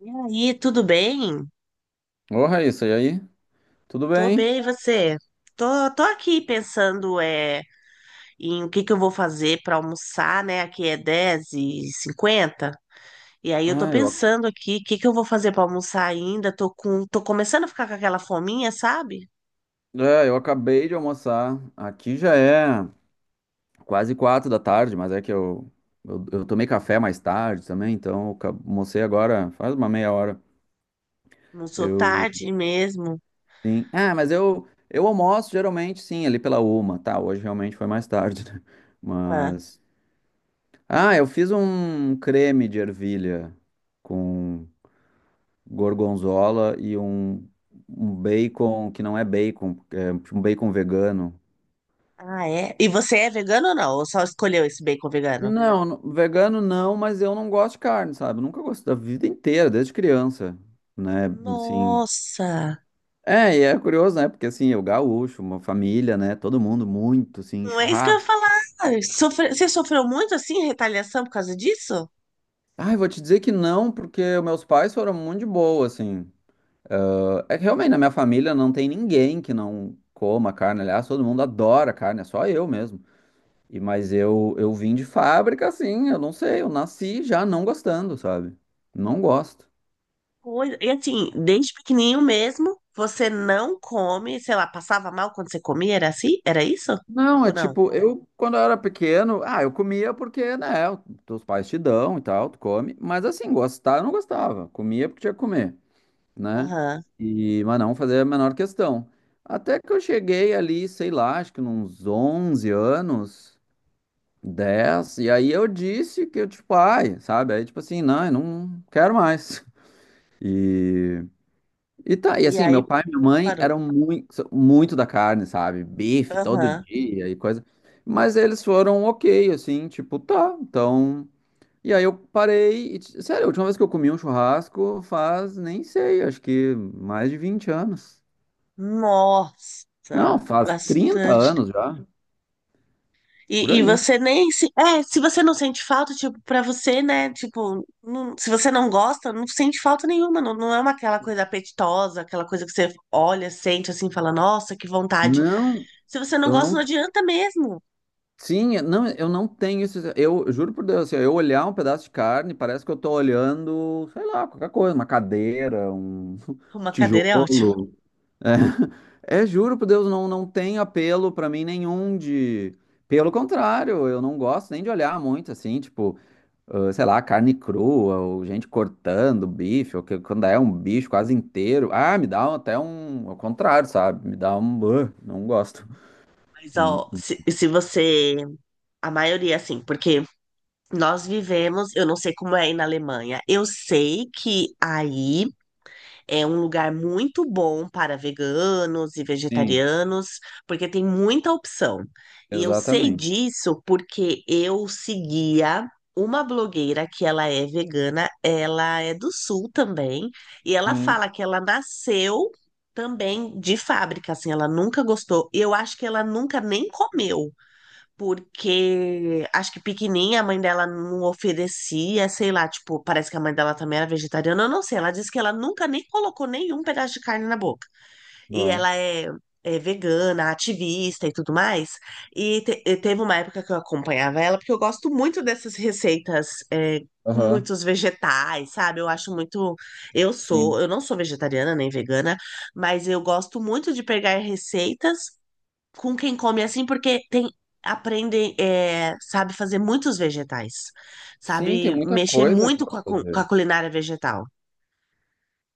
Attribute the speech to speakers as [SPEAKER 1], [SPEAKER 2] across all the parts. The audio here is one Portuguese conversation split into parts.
[SPEAKER 1] E aí, tudo bem?
[SPEAKER 2] Ô, Raíssa, e aí? Tudo
[SPEAKER 1] Tô
[SPEAKER 2] bem?
[SPEAKER 1] bem, e você? Tô, tô aqui pensando em o que que eu vou fazer para almoçar, né? Aqui é 10:50. E aí eu tô
[SPEAKER 2] Ah, eu, ac-
[SPEAKER 1] pensando aqui, o que que eu vou fazer para almoçar ainda? Tô começando a ficar com aquela fominha, sabe?
[SPEAKER 2] é, eu acabei de almoçar. Aqui já é quase 4 da tarde, mas é que eu tomei café mais tarde também, então eu almocei agora faz uma meia hora.
[SPEAKER 1] Não sou
[SPEAKER 2] Eu,
[SPEAKER 1] tarde mesmo.
[SPEAKER 2] sim. Ah, mas eu almoço geralmente, sim, ali pela uma, tá? Hoje realmente foi mais tarde, né?
[SPEAKER 1] Ah,
[SPEAKER 2] Mas. Ah, eu fiz um creme de ervilha com gorgonzola e um bacon que não é bacon, é um bacon vegano.
[SPEAKER 1] ah, é? E você é vegano ou não? Ou só escolheu esse bacon vegano?
[SPEAKER 2] Não, vegano não, mas eu não gosto de carne, sabe? Eu nunca gostei da vida inteira, desde criança, né? Assim,
[SPEAKER 1] Nossa!
[SPEAKER 2] e é curioso, né? Porque assim, eu gaúcho, uma família, né? Todo mundo muito, assim,
[SPEAKER 1] Não é isso que eu ia
[SPEAKER 2] churrasco.
[SPEAKER 1] falar. Você sofreu muito assim, retaliação por causa disso?
[SPEAKER 2] Ai, vou te dizer que não, porque meus pais foram muito de boa, assim. É que realmente na minha família não tem ninguém que não coma carne. Aliás, todo mundo adora carne, é só eu mesmo. E mas eu vim de fábrica assim, eu não sei, eu nasci já não gostando, sabe? Não gosto.
[SPEAKER 1] Coisa. E assim, desde pequenininho mesmo, você não come, sei lá, passava mal quando você comia, era assim? Era isso?
[SPEAKER 2] Não, é
[SPEAKER 1] Ou não?
[SPEAKER 2] tipo, eu, quando eu era pequeno, ah, eu comia porque, né, os teus pais te dão e tal, tu come, mas assim, gostar eu não gostava, comia porque tinha que comer, né,
[SPEAKER 1] Aham.
[SPEAKER 2] e, mas não fazia a menor questão. Até que eu cheguei ali, sei lá, acho que uns 11 anos, 10 e aí eu disse que eu, tipo, ai, sabe, aí tipo assim, não, eu não quero mais. E e tá, e
[SPEAKER 1] E
[SPEAKER 2] assim,
[SPEAKER 1] aí
[SPEAKER 2] meu pai e minha mãe
[SPEAKER 1] parou.
[SPEAKER 2] eram muito, muito da carne, sabe? Bife todo
[SPEAKER 1] Aham.
[SPEAKER 2] dia e coisa. Mas eles foram ok, assim, tipo, tá, então. E aí eu parei. E, sério, a última vez que eu comi um churrasco faz, nem sei, acho que mais de 20 anos. Não,
[SPEAKER 1] Nossa,
[SPEAKER 2] faz 30
[SPEAKER 1] bastante.
[SPEAKER 2] anos já, por
[SPEAKER 1] E
[SPEAKER 2] aí.
[SPEAKER 1] você nem se. É, se você não sente falta, tipo, pra você, né? Tipo, se você não gosta, não sente falta nenhuma. Não, não é aquela coisa apetitosa, aquela coisa que você olha, sente assim, fala, nossa, que vontade.
[SPEAKER 2] Não,
[SPEAKER 1] Se você não
[SPEAKER 2] eu
[SPEAKER 1] gosta, não
[SPEAKER 2] não.
[SPEAKER 1] adianta mesmo.
[SPEAKER 2] Sim, não, eu não tenho isso. Eu juro por Deus, assim, eu olhar um pedaço de carne, parece que eu tô olhando, sei lá, qualquer coisa, uma cadeira, um
[SPEAKER 1] Uma cadeira é ótima.
[SPEAKER 2] tijolo. É, é, juro por Deus, não, não tem apelo pra mim nenhum de. Pelo contrário, eu não gosto nem de olhar muito assim, tipo, ah, sei lá, carne crua, ou gente cortando bife, ou quando é um bicho quase inteiro. Ah, me dá até um. Ao contrário, sabe? Me dá um. Ah, não gosto.
[SPEAKER 1] Mas,
[SPEAKER 2] Hum,
[SPEAKER 1] ó, se você. A maioria, assim, porque nós vivemos, eu não sei como é aí na Alemanha, eu sei que aí é um lugar muito bom para veganos e
[SPEAKER 2] Sim,
[SPEAKER 1] vegetarianos, porque tem muita opção. E eu sei
[SPEAKER 2] exatamente.
[SPEAKER 1] disso porque eu seguia. Uma blogueira que ela é vegana, ela é do sul também, e ela
[SPEAKER 2] Hum.
[SPEAKER 1] fala que ela nasceu também de fábrica, assim, ela nunca gostou. Eu acho que ela nunca nem comeu porque acho que pequenininha a mãe dela não oferecia, sei lá, tipo, parece que a mãe dela também era vegetariana, eu não sei. Ela disse que ela nunca nem colocou nenhum pedaço de carne na boca. E
[SPEAKER 2] Boa.
[SPEAKER 1] ela é, é vegana, ativista e tudo mais. E teve uma época que eu acompanhava ela, porque eu gosto muito dessas receitas. Com
[SPEAKER 2] Aham,
[SPEAKER 1] muitos vegetais, sabe? Eu acho muito. Eu sou,
[SPEAKER 2] sim.
[SPEAKER 1] eu não sou vegetariana nem vegana, mas eu gosto muito de pegar receitas com quem come assim, porque tem aprendem, é, sabe fazer muitos vegetais,
[SPEAKER 2] Sim, tem
[SPEAKER 1] sabe
[SPEAKER 2] muita
[SPEAKER 1] mexer
[SPEAKER 2] coisa que dá
[SPEAKER 1] muito com
[SPEAKER 2] pra
[SPEAKER 1] a, cu- com a
[SPEAKER 2] fazer.
[SPEAKER 1] culinária vegetal.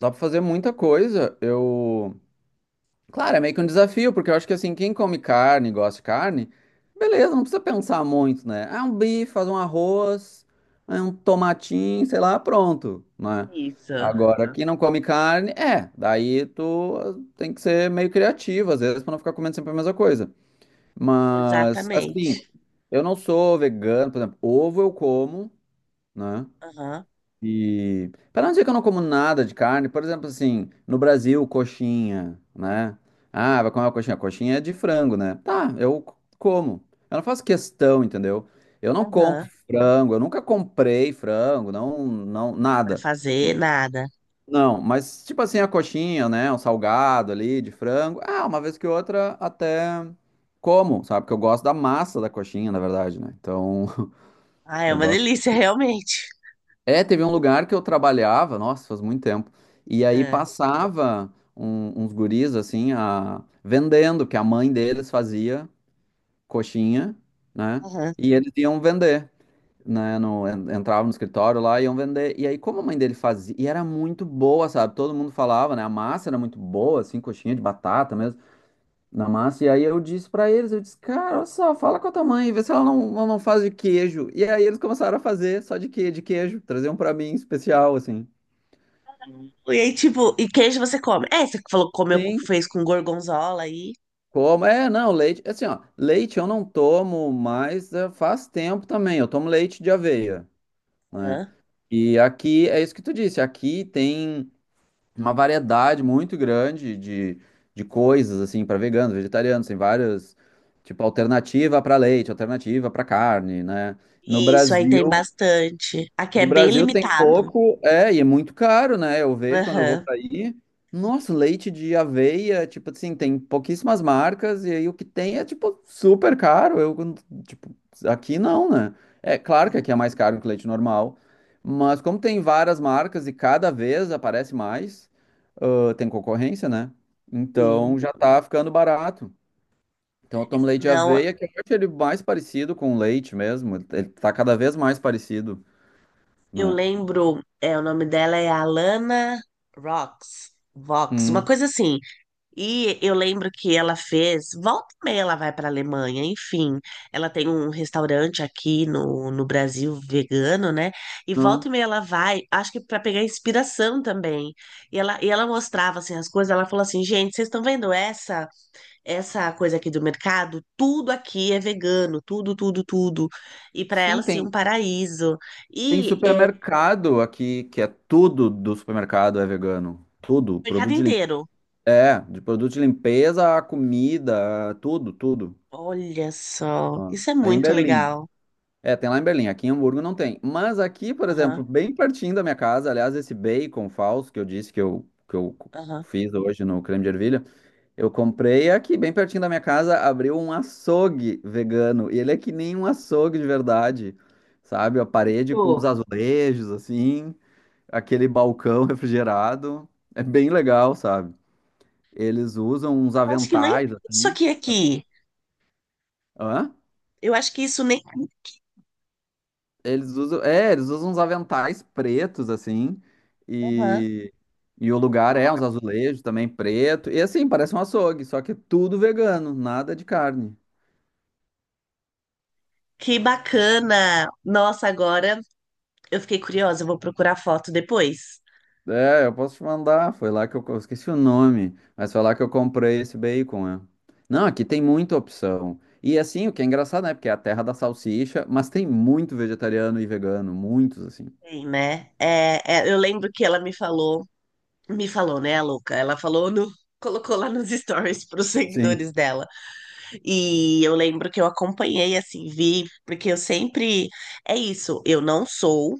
[SPEAKER 2] Dá pra fazer muita coisa. Eu. Claro, é meio que um desafio, porque eu acho que assim, quem come carne, gosta de carne, beleza, não precisa pensar muito, né? Ah, um bife, faz um arroz, ah, um tomatinho, sei lá, pronto, né?
[SPEAKER 1] Isso,
[SPEAKER 2] Agora, né? Quem não come carne, daí tu tem que ser meio criativo, às vezes, pra não ficar comendo sempre a mesma coisa. Mas,
[SPEAKER 1] exatamente.
[SPEAKER 2] assim, eu não sou vegano, por exemplo, ovo eu como, né?
[SPEAKER 1] Aham,
[SPEAKER 2] E para não dizer que eu não como nada de carne, por exemplo, assim, no Brasil, coxinha, né? Ah, vai comer uma coxinha. Coxinha é de frango, né? Tá, eu como. Eu não faço questão, entendeu? Eu não compro
[SPEAKER 1] aham.
[SPEAKER 2] frango, eu nunca comprei frango, não, não,
[SPEAKER 1] Pra
[SPEAKER 2] nada.
[SPEAKER 1] fazer nada.
[SPEAKER 2] Não, mas tipo assim, a coxinha, né? Um salgado ali de frango. Ah, uma vez que outra até como, sabe? Porque eu gosto da massa da coxinha, na verdade, né? Então,
[SPEAKER 1] Ah, é
[SPEAKER 2] eu
[SPEAKER 1] uma
[SPEAKER 2] gosto.
[SPEAKER 1] delícia, realmente.
[SPEAKER 2] É, teve um lugar que eu trabalhava, nossa, faz muito tempo. E aí
[SPEAKER 1] É,
[SPEAKER 2] passava uns guris assim, vendendo, que a mãe deles fazia coxinha, né?
[SPEAKER 1] aham.
[SPEAKER 2] E eles iam vender, né? Entravam no escritório lá e iam vender. E aí, como a mãe dele fazia, e era muito boa, sabe? Todo mundo falava, né? A massa era muito boa, assim, coxinha de batata mesmo na massa. E aí eu disse pra eles, eu disse, cara, olha só, fala com a tua mãe, vê se ela não faz de queijo. E aí eles começaram a fazer só de queijo, traziam pra mim especial, assim.
[SPEAKER 1] E aí, tipo, e queijo você come? É, você falou que comeu,
[SPEAKER 2] Sim.
[SPEAKER 1] fez com gorgonzola aí.
[SPEAKER 2] Como? É, não, leite, assim, ó, leite eu não tomo mais, faz tempo também, eu tomo leite de aveia, né?
[SPEAKER 1] Aham.
[SPEAKER 2] E aqui, é isso que tu disse, aqui tem uma variedade muito grande de coisas, assim, para veganos, vegetarianos, tem várias, tipo, alternativa para leite, alternativa para carne, né? No
[SPEAKER 1] Isso aí tem
[SPEAKER 2] Brasil,
[SPEAKER 1] bastante. Aqui é
[SPEAKER 2] no
[SPEAKER 1] bem
[SPEAKER 2] Brasil tem
[SPEAKER 1] limitado.
[SPEAKER 2] pouco, e é muito caro, né? Eu vejo quando eu vou
[SPEAKER 1] Aham.
[SPEAKER 2] para aí. Nossa, leite de aveia, tipo assim, tem pouquíssimas marcas, e aí o que tem é, tipo, super caro. Eu, tipo, aqui não, né? É claro que aqui é mais caro que leite normal, mas como tem várias marcas e cada vez aparece mais, ah, tem concorrência, né?
[SPEAKER 1] Sim.
[SPEAKER 2] Então já tá ficando barato. Então eu tomo leite de
[SPEAKER 1] Não,
[SPEAKER 2] aveia, que eu acho ele mais parecido com leite mesmo. Ele tá cada vez mais parecido,
[SPEAKER 1] eu
[SPEAKER 2] né?
[SPEAKER 1] lembro, o nome dela é Alana Rox, Vox, uma
[SPEAKER 2] Hum.
[SPEAKER 1] coisa assim. E eu lembro que volta e meia ela vai para Alemanha, enfim. Ela tem um restaurante aqui no Brasil vegano, né? E
[SPEAKER 2] Hã?
[SPEAKER 1] volta e meia ela vai, acho que para pegar inspiração também. E ela mostrava assim as coisas, ela falou assim: "Gente, vocês estão vendo essa? Essa coisa aqui do mercado, tudo aqui é vegano, tudo, tudo, tudo. E para
[SPEAKER 2] Sim,
[SPEAKER 1] ela, assim, um
[SPEAKER 2] tem,
[SPEAKER 1] paraíso.
[SPEAKER 2] tem
[SPEAKER 1] E é, o
[SPEAKER 2] supermercado aqui que é tudo do supermercado é vegano. Tudo,
[SPEAKER 1] mercado
[SPEAKER 2] produto de limpeza.
[SPEAKER 1] inteiro."
[SPEAKER 2] É, de produto de limpeza a comida, a tudo, tudo.
[SPEAKER 1] Olha só,
[SPEAKER 2] Ó,
[SPEAKER 1] isso é
[SPEAKER 2] aí em
[SPEAKER 1] muito
[SPEAKER 2] Berlim.
[SPEAKER 1] legal.
[SPEAKER 2] É, tem lá em Berlim. Aqui em Hamburgo não tem. Mas aqui, por
[SPEAKER 1] Aham,
[SPEAKER 2] exemplo, bem pertinho da minha casa, aliás, esse bacon falso que eu disse que eu
[SPEAKER 1] aham.
[SPEAKER 2] fiz hoje no creme de ervilha, eu comprei aqui, bem pertinho da minha casa, abriu um açougue vegano. E ele é que nem um açougue de verdade, sabe? A parede com os
[SPEAKER 1] Pô,
[SPEAKER 2] azulejos, assim, aquele balcão refrigerado. É bem legal, sabe? Eles usam uns
[SPEAKER 1] eu acho que nem
[SPEAKER 2] aventais,
[SPEAKER 1] isso
[SPEAKER 2] assim.
[SPEAKER 1] aqui.
[SPEAKER 2] Hã?
[SPEAKER 1] Eu acho que isso nem.
[SPEAKER 2] Eles usam uns aventais pretos, assim.
[SPEAKER 1] Aham.
[SPEAKER 2] E, e o lugar é uns azulejos também preto. E assim, parece um açougue, só que é tudo vegano, nada de carne.
[SPEAKER 1] Que bacana! Nossa, agora eu fiquei curiosa, eu vou procurar foto depois.
[SPEAKER 2] É, eu posso te mandar. Foi lá que eu esqueci o nome, mas foi lá que eu comprei esse bacon, é. Não, aqui tem muita opção. E assim, o que é engraçado, né? Porque é a terra da salsicha, mas tem muito vegetariano e vegano, muitos assim.
[SPEAKER 1] Tem, né? É, é, eu lembro que ela me falou, né, a louca? Ela falou no, colocou lá nos stories para os
[SPEAKER 2] Sim.
[SPEAKER 1] seguidores dela. E eu lembro que eu acompanhei, assim, vi, porque eu sempre. É isso, eu não sou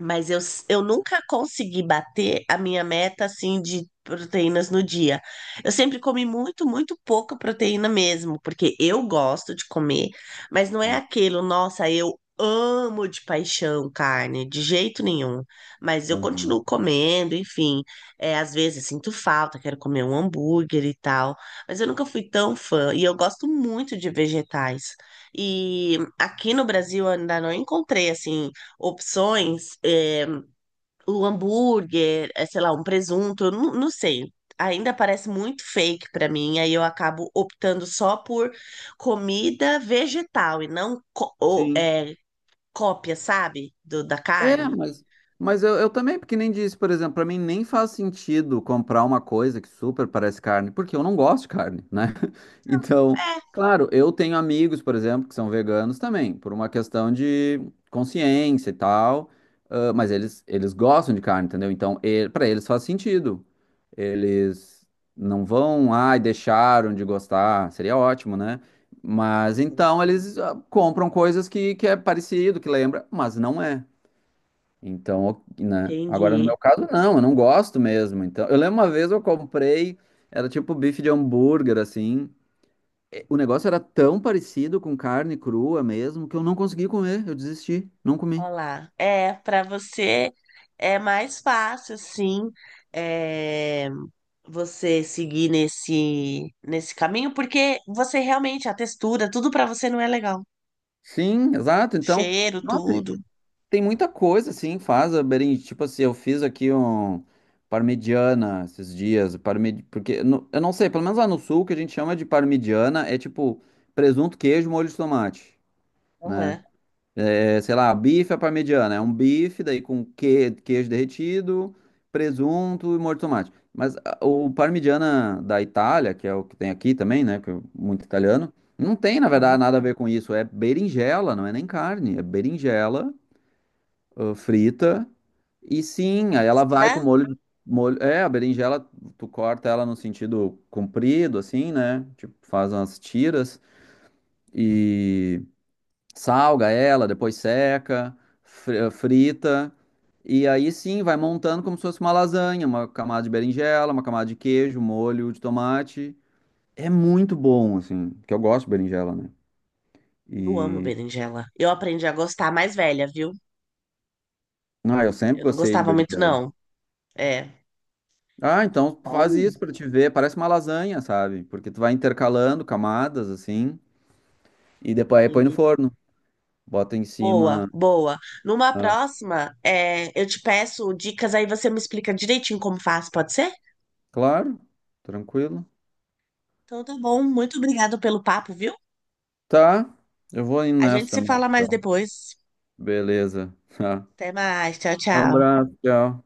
[SPEAKER 1] mas eu nunca consegui bater a minha meta assim de proteínas no dia. Eu sempre comi muito, muito pouca proteína mesmo, porque eu gosto de comer, mas não é aquilo, nossa, eu amo de paixão carne, de jeito nenhum. Mas eu
[SPEAKER 2] Uhum.
[SPEAKER 1] continuo comendo, enfim. É, às vezes sinto falta, quero comer um hambúrguer e tal, mas eu nunca fui tão fã e eu gosto muito de vegetais. E aqui no Brasil eu ainda não encontrei assim opções, é, o hambúrguer, é, sei lá, um presunto, eu não sei. Ainda parece muito fake para mim, aí eu acabo optando só por comida vegetal e não ou,
[SPEAKER 2] Sim.
[SPEAKER 1] cópia, sabe, da
[SPEAKER 2] É,
[SPEAKER 1] carne.
[SPEAKER 2] mas eu também, porque nem disse, por exemplo, pra mim nem faz sentido comprar uma coisa que super parece carne, porque eu não gosto de carne, né? Então,
[SPEAKER 1] É,
[SPEAKER 2] claro, eu tenho amigos, por exemplo, que são veganos também, por uma questão de consciência e tal, ah, mas eles gostam de carne, entendeu? Então, para eles faz sentido. Eles não vão, ai, deixaram de gostar, seria ótimo, né? Mas então eles compram coisas que é parecido, que lembra, mas não é. Então, né? Agora, no
[SPEAKER 1] entendi.
[SPEAKER 2] meu caso, não, eu não gosto mesmo. Então, eu lembro uma vez eu comprei, era tipo bife de hambúrguer, assim. O negócio era tão parecido com carne crua mesmo que eu não consegui comer, eu desisti, não comi.
[SPEAKER 1] Olha lá. É, para você é mais fácil, sim, é, você seguir nesse, caminho, porque você realmente, a textura, tudo para você não é legal.
[SPEAKER 2] Sim, exato. Então,
[SPEAKER 1] Cheiro,
[SPEAKER 2] nossa, e
[SPEAKER 1] tudo.
[SPEAKER 2] tem muita coisa, assim, faz a berinjela. Tipo assim, eu fiz aqui um parmegiana esses dias, porque eu não sei, pelo menos lá no sul, o que a gente chama de parmegiana é tipo presunto, queijo, molho de tomate, né?
[SPEAKER 1] Aham.
[SPEAKER 2] É, sei lá, bife à parmegiana. É um bife, daí com queijo derretido, presunto e molho de tomate. Mas o parmigiana da Itália, que é o que tem aqui também, né? Que é muito italiano, não tem, na
[SPEAKER 1] Uhum.
[SPEAKER 2] verdade, nada a ver com isso. É berinjela, não é nem carne. É berinjela, frita. E sim, aí ela vai
[SPEAKER 1] Tá?
[SPEAKER 2] com molho, molho. É, a berinjela, tu corta ela no sentido comprido, assim, né? Tipo, faz umas tiras. Salga ela, depois seca, frita. E aí sim, vai montando como se fosse uma lasanha, uma camada de berinjela, uma camada de queijo, molho de tomate. É muito bom, assim, porque eu gosto de berinjela, né?
[SPEAKER 1] Eu amo
[SPEAKER 2] E.
[SPEAKER 1] berinjela. Eu aprendi a gostar mais velha, viu?
[SPEAKER 2] Não, eu sempre
[SPEAKER 1] Eu não
[SPEAKER 2] gostei de
[SPEAKER 1] gostava muito,
[SPEAKER 2] berinjela.
[SPEAKER 1] não. É.
[SPEAKER 2] Ah, então faz
[SPEAKER 1] Bom.
[SPEAKER 2] isso pra te ver. Parece uma lasanha, sabe? Porque tu vai intercalando camadas, assim, e depois aí põe no
[SPEAKER 1] Entendi.
[SPEAKER 2] forno. Bota em
[SPEAKER 1] Boa,
[SPEAKER 2] cima.
[SPEAKER 1] boa. Numa
[SPEAKER 2] ah,
[SPEAKER 1] próxima, é, eu te peço dicas, aí você me explica direitinho como faz, pode ser?
[SPEAKER 2] Claro, tranquilo.
[SPEAKER 1] Então tá bom. Muito obrigado pelo papo, viu?
[SPEAKER 2] Tá, eu vou indo
[SPEAKER 1] A gente
[SPEAKER 2] nessa
[SPEAKER 1] se
[SPEAKER 2] também,
[SPEAKER 1] fala mais
[SPEAKER 2] então.
[SPEAKER 1] depois.
[SPEAKER 2] Beleza. Tá.
[SPEAKER 1] Até mais. Tchau, tchau.
[SPEAKER 2] Abraço, tchau.